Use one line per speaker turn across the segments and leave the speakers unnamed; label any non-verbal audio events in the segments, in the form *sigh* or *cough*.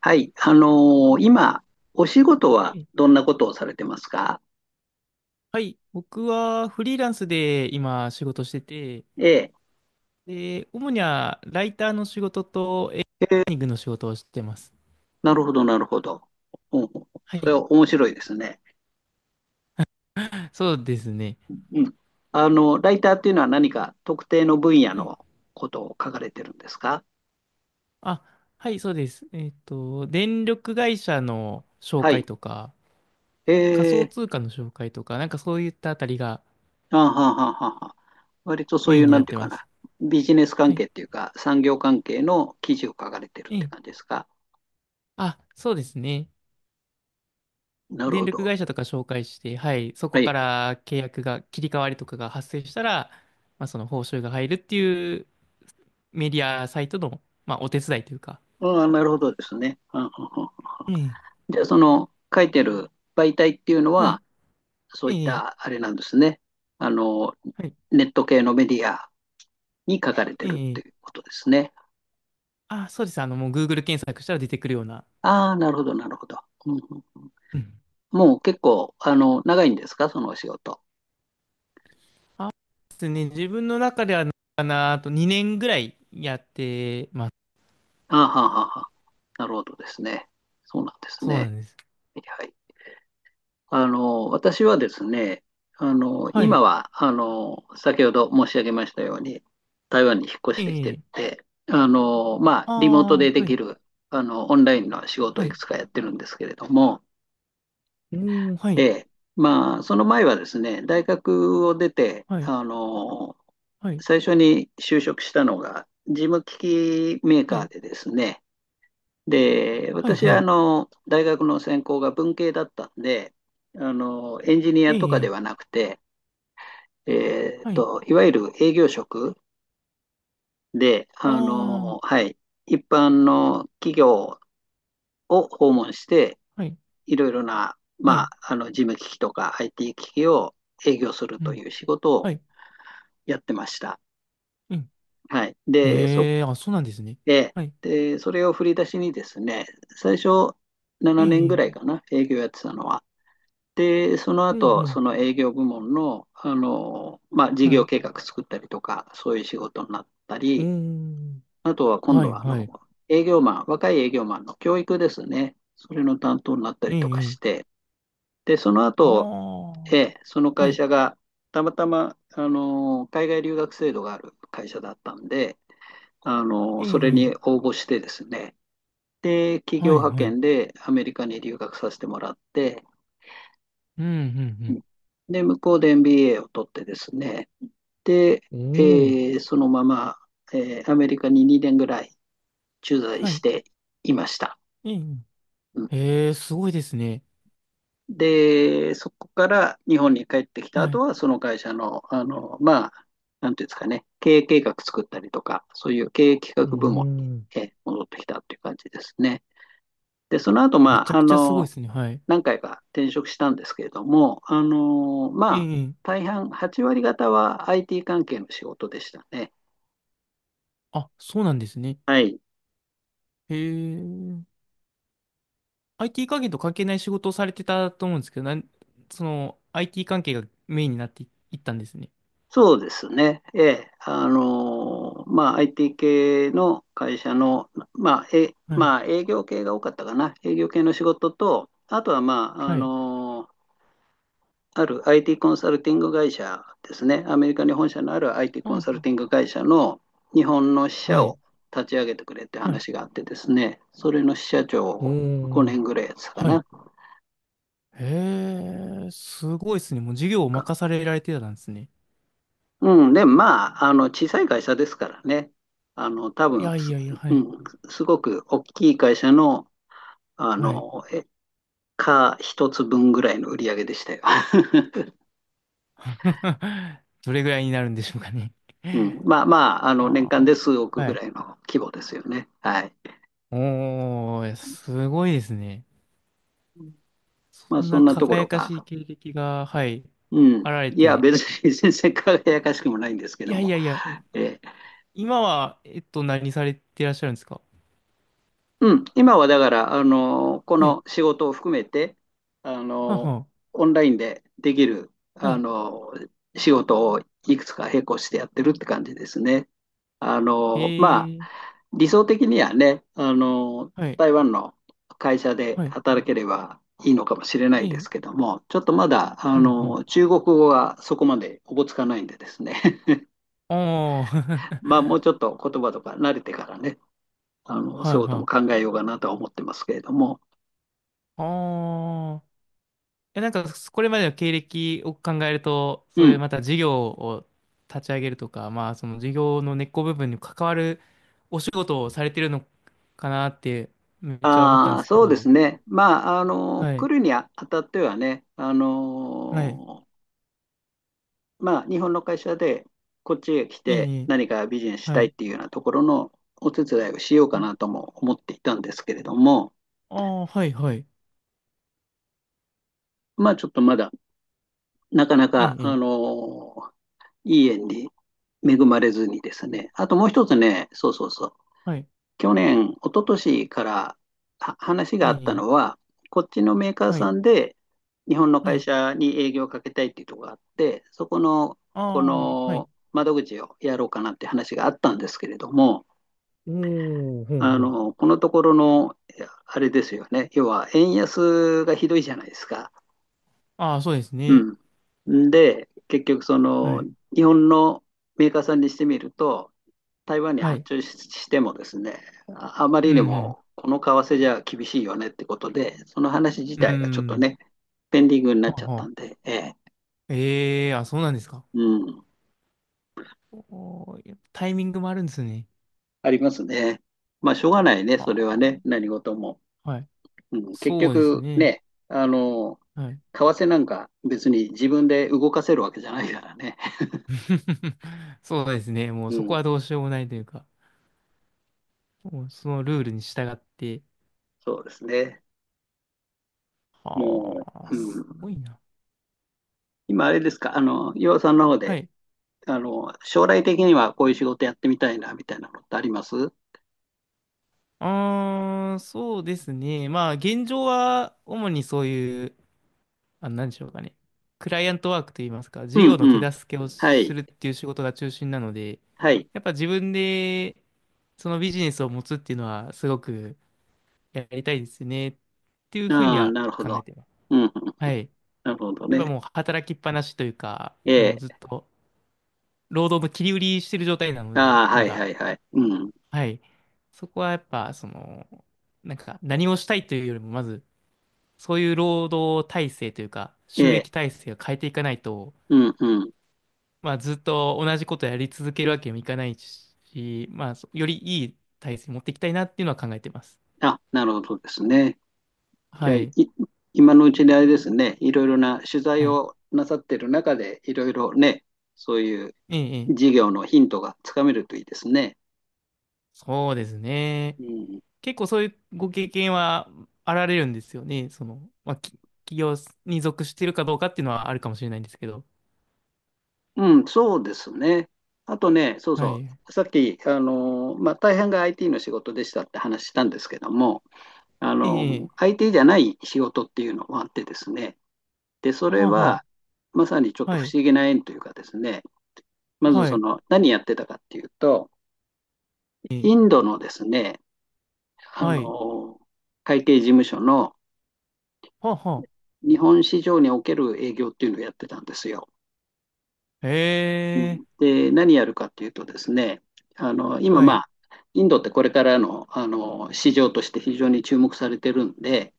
はい。今、お仕事は
え
どんなことをされてますか？
はい、僕はフリーランスで今仕事してて、
ええ。
で、主にはライターの仕事とエンジニ
ええ。
アリングの仕事をしてます。
なるほど、なるほど。ほうほう。
は
それ
い、
は面白いですね。
そうですね。
うん。ライターっていうのは何か特定の分野
はい、
のことを書かれてるんですか？
あ、はい、そうです。電力会社の紹
は
介
い。
とか、
え
仮想
え、
通貨の紹介とか、なんかそういったあたりが
あはははは。割とそう
メ
い
イン
う、
に
な
な
ん
っ
ていう
て
か
ま
な、
す。
ビジネス
は
関
い、
係っていうか、産業関係の記事を書かれてる
え
って
え。
感じですか？
あ、そうですね。
なる
電
ほ
力
ど。
会社とか紹介して、はい、そ
は
こ
いは
か
い。
ら契約が、切り替わりとかが発生したら、まあ、その報酬が入るっていうメディアサイトの、まあ、お手伝いというか。
うん、なるほどですね。うんうんうん。
ええ、
じゃあ、その書いてる媒体っていうの
はい、
は、そういっ
ええ、
たあれなんですね。あの、
はい、
ネット系のメディアに書かれ
え
てるって
え。
いうことですね。
あ、そうです。もう Google 検索したら出てくるような。
ああ、なるほど、なるほど。うんうんうん。
うん。
もう結構、長いんですか、そのお仕事。
ですね。自分の中では、かな、あと2年ぐらいやってます。
ああ、はあはあはあ。なるほどですね。そうなんです
そうな
ね。
んです。
はいはい。私はですね、
は
今
い、
は、先ほど申し上げましたように、台湾に引っ越
え
してきて
え。
て、まあ、
あ
リモートで
あ、
で
は
き
い、
る、オンラインの仕事を
は
いく
い。
つかやってるんですけれども、
おー、は
え
い、
え、まあ、その前はですね、大学を出て、
はい、はい、
最初に就職したのが、事務機器メー
は
カー
い、
でですね、で、
はい、
私
は
は
い。
大学の専攻が文系だったんで、エンジニ
え
アとかで
え、
はなくて、
はい。
いわゆる営業職で、
ああ、
はい、一般の企業を訪問して、
はい、
いろいろな、
は
まあ、
い、
事務機器とか IT 機器を営業する
う
と
ん、
いう仕事
は
を
い、
やってました。
うん。
はい。
へえ、あ、そうなんですね。
で、
はい、
で、それを振り出しにですね、最初
え
7年ぐ
え、
らいかな、営業やってたのは。で、その
うん、う
後、そ
ん、
の営業部門の、まあ、事
は
業
い。
計画作ったりとか、そういう仕事になった
うー
り、
ん。
あとは今
は
度
い
は、
はい。
営業マン、若い営業マンの教育ですね。それの担当になったり
ええ、
とか
え
し
え。
て、で、その
あ
後、え
あ。
え、その
は
会
い。
社が、たまたま、海外留学制度がある会社だったんで、
ええ、
それ
え
に
え。
応募してですね、で、企業
はい
派
はい。
遣でアメリカに留学させてもらって、
うん、う
うん。
ん、
で、向こうで NBA を取ってですね、で、
う
え
ん。おお。
そのまま、アメリカに2年ぐらい駐在
は
し
い。
ていました。
ええ、え
うん。
え。へえ、すごいですね。
で、そこから日本に帰ってきた
は
後
い。
は、その会社の、まあ、なんていうんですかね、経営計画作ったりとか、そういう経営企
うー
画部門に、
ん。
戻ってきたという感じですね。で、その後、
め
ま
ち
あ、
ゃくちゃすごいですね。はい。
何回か転職したんですけれども、ま
ええ、
あ、
ええ。
大半、8割方は IT 関係の仕事でしたね。
あ、そうなんですね。
はい。
へえ。IT 関係と関係ない仕事をされてたと思うんですけど、その、IT 関係がメインになっていいったんですね。
そうですね。ええ。まあ、IT 系の会社の、まあ、
はい。
まあ、営業系が多かったかな。営業系の仕事と、あとは、まあ、
はい。
ある IT コンサルティング会社ですね。アメリカに本社のある IT
あ
コンサルティン
あ。
グ会社の日本の支
は
社
い。
を立ち上げてくれって
はい。
話があってですね。それの支社長
お
を
お。
5年ぐらいやってたか
はい。
な。
へえ、すごいですね。もう授
な
業
ん
を
か、
任されられてたんですね。
うん。でまあ、小さい会社ですからね。多
い
分、
やいやいや、は
う
い。
ん、すごく大きい会社の、あ
はい。
の、え、か一つ分ぐらいの売り上げでしたよ。*laughs*
*laughs* どれぐらいになるんでしょうかね。
うん、まあまあ、年
あ
間で
あ。
数億
は
ぐら
い。
いの規模ですよね。はい。
おー、すごいですね。そ
まあ、
ん
そ
な
んなところ
輝か
が。
しい経歴が、はい、
うん。
あられ
いや、
て。
別に *laughs* 全然輝かしくもないんですけ
い
ど
やい
も、
やいや、
ええ。
今は、何されてらっしゃるんですか？
うん、今はだから、こ
はい。
の仕事を含めて、あ
は
の、
は。
オンラインでできる、
はい。
仕事をいくつか並行してやってるって感じですね。
え
まあ、
え、
理想的にはね、
はい。
台湾の会社で
はい。
働ければいいのかもしれな
え
いで
え、
すけども、ちょっとまだ、
うん、うん。
中国語がそこまでおぼつかないんでですね、*laughs*
ああ、*laughs*
まあ、もうちょっと言葉とか慣れてからね、
は
そ
い、
ういうことも
は
考
い。
えようかなとは思ってますけれども、
ああ。や、なんか、これまでの経歴を考えると、
う
そういう
ん。
また事業を立ち上げるとか、まあ、その事業の根っこ部分に関わるお仕事をされてるのかなって、めっちゃ思ったん
あ
で
あ、
すけ
そうです
ど、
ね。まあ、
は
来
い、
るにあたってはね、
はい、
まあ、日本の会社でこっちへ来
い
て
い、いい
何かビジネスし
は
たいっ
い、
ていうようなところのお手伝いをしよう
は
か
い
なとも思っていたんですけれども、
ああ、はい、はい、
まあ、ちょっとまだなかな
い
か、
い、いい
いい縁に恵まれずにですね。あともう一つね、そうそうそう、
はい、
去年、一昨年からは話が
い
あ
い、
った
いい
のは、こっちのメーカー
はい、
さんで日本の
は
会
い、
社に営業をかけたいっていうところがあって、そこの、
あ
こ
あ、はい、
の窓口をやろうかなって話があったんですけれども、
おお、ほうほう。
このところの、あれですよね。要は、円安がひどいじゃないですか。
ああ、そうです
う
ね。
ん。で、結局、
はい、
日本のメーカーさんにしてみると、台湾に
は
発
い、
注ししてもですね、ああま
う
りに
ん、
もこの為替じゃ厳しいよねってことで、その話自
うん、う
体がちょっと
ん、
ね、ペンディングにな
は
っ
あ
ちゃっ
は
たん
あ。
で、ええ、
ええあ、そうなんですか。
うん、
おー、やっぱタイミングもあるんですね。
ありますね。まあ、しょうがないね、
あ
それは
あ、
ね、何事も。
はい。
うん、結
そうです
局
ね。
ね、
はい。
為替なんか別に自分で動かせるわけじゃないからね。
*laughs* そうですね。もう
う
そこ
ん、
はどうしようもないというか、もうそのルールに従って。
そうですね。も
ああ、
う、う
すご
ん、
いな。
今あれですか、岩尾さんの方
は
で、
い。
将来的にはこういう仕事やってみたいな、みたいなのってあります？
ああ、そうですね。まあ、現状は主にそういう、あ、なんでしょうかね。クライアントワークといいますか、
う
事
ん
業の
うん。
手助けを
は
す
い。
るっていう仕事が中心なので、
はい。
やっぱ自分でそのビジネスを持つっていうのはすごくやりたいですねっていうふうに
ああ、
は
なるほ
考え
ど。
てます。
うん。
はい。
なるほど
やっぱ
ね。
もう働きっぱなしというか、も
え
うずっ
え。
と労働の切り売りしてる状態なので、
ああ、は
ま
い
だ。
はいはい。うん。
はい。そこはやっぱ、その、なんか何をしたいというよりも、まず、そういう労働体制というか、
え
収
え。
益体制を変えていかないと、
うんうん。
まあずっと同じことやり続けるわけにもいかないし、まあ、そよりいい体制持っていきたいなっていうのは考えてます。
あ、なるほどですね。じ
は
ゃあ、
い。
今のうちにあれですね。いろいろな取材
はい。
をなさってる中で、いろいろね、そういう
ええ、え
事
え
業のヒントがつかめるといいですね。
そうですね。
うん。
結構そういうご経験はあられるんですよね。その、まあ、企業に属してるかどうかっていうのはあるかもしれないんですけど。
うん、そうですね。あとね、そう
は
そ
い。
う。さっき、まあ、大半が IT の仕事でしたって話したんですけども、
ええ。
相手じゃない仕事っていうのもあってですね、で、そ
は
れ
あは
は、まさにちょっ
あ。
と
は
不
い。
思議な縁というかですね、まず
は
そ
い。
の、何やってたかっていうと、
え
イ
え
ンドのですね、あ
はい。
の、会計事務所の
はあは
日本市場における営業っていうのをやってたんですよ。
あ。
う
へえ。
ん、で、何やるかっていうとですね、今
は
ま
い。
あ、インドってこれからの、市場として非常に注目されてるんで、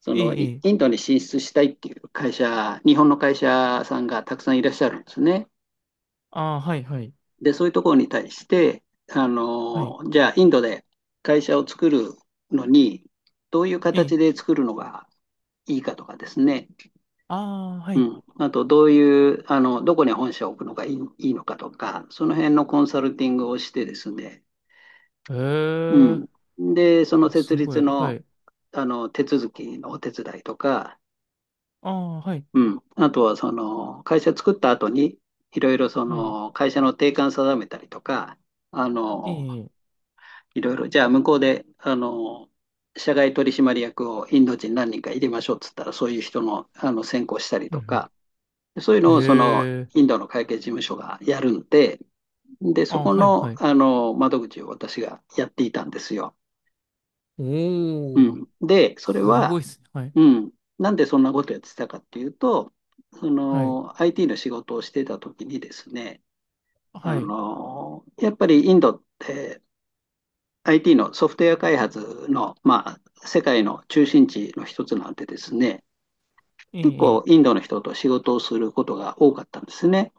そ
え
の
え。
イン
ええ
ドに進出したいっていう会社、日本の会社さんがたくさんいらっしゃるんですね。
ああ、はい、はい。
で、そういうところに対して、
はい。
じゃあインドで会社を作るのに、どういう
ええ。
形で作るのがいいかとかですね、
ああ、は
う
い。
ん、あとどういう、あの、どこに本社を置くのがいいいいのかとか、その辺のコンサルティングをしてですね、
へえ。
うん。で、その
あ、す
設
ご
立
い。は
の、
い。
手続きのお手伝いとか、
ああ、はい。
うん。あとは、その、会社作った後に、いろいろそ
はい。
の、会社の定款定めたりとか、あ
え
の、
え。
いろいろ、じゃあ向こうで、社外取締役をインド人何人か入れましょうっつったら、そういう人の、選考したり
う
と
ん
か、そういう
うん。
のを、その、
へえ。
インドの会計事務所がやるんで、で、そ
ああ、
こ
はい、
の、
はい。
窓口を私がやっていたんですよ。う
おお。
ん。で、それ
すご
は、
いっすね。はい。
うん。なんでそんなことやってたかっていうと、そ
はい。
の IT の仕事をしてた時にですね、
はい。
やっぱりインドって IT のソフトウェア開発の、まあ、世界の中心地の一つなんでですね、
ええ、
結
え
構
え。
インドの人と仕事をすることが多かったんですね。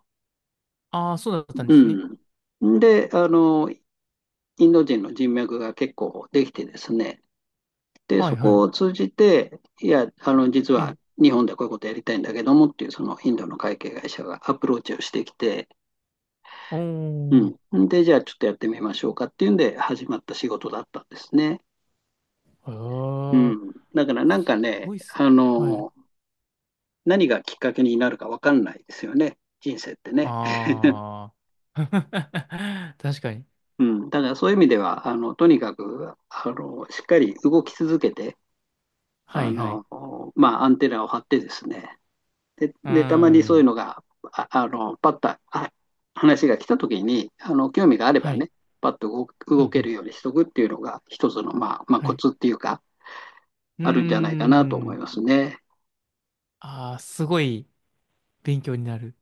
ああ、そうだったんですね。
うん。で、インド人の人脈が結構できてですね、で、
はい、
そ
は
こ
い。
を通じて、いや、実
え
は
え。
日本でこういうことやりたいんだけどもっていう、そのインドの会計会社がアプローチをしてきて、
おー。
うん。で、じゃあちょっとやってみましょうかっていうんで始まった仕事だったんですね。う
ああ、
ん。だからなんか
す
ね、
ごいっすね。はい。
何がきっかけになるかわかんないですよね。人生ってね。
ああ。*laughs* 確かに。
うん。だからそういう意味では、とにかく、しっかり動き続けて、
は
あ
い、はい。
の、まあ、アンテナを張ってですね、で、
うー
で、たまにそういう
ん。
のが、パッと話が来た時に、興味があれ
は
ば
い。
ね、パッと動
う
動
ん、う
け
ん。
るようにしとくっていうのが、一つの、まあ、まあ、
は
コ
い。
ツっていうか、
うー
あるんじゃないかなと思い
ん。
ますね。
ああ、すごい勉強になる。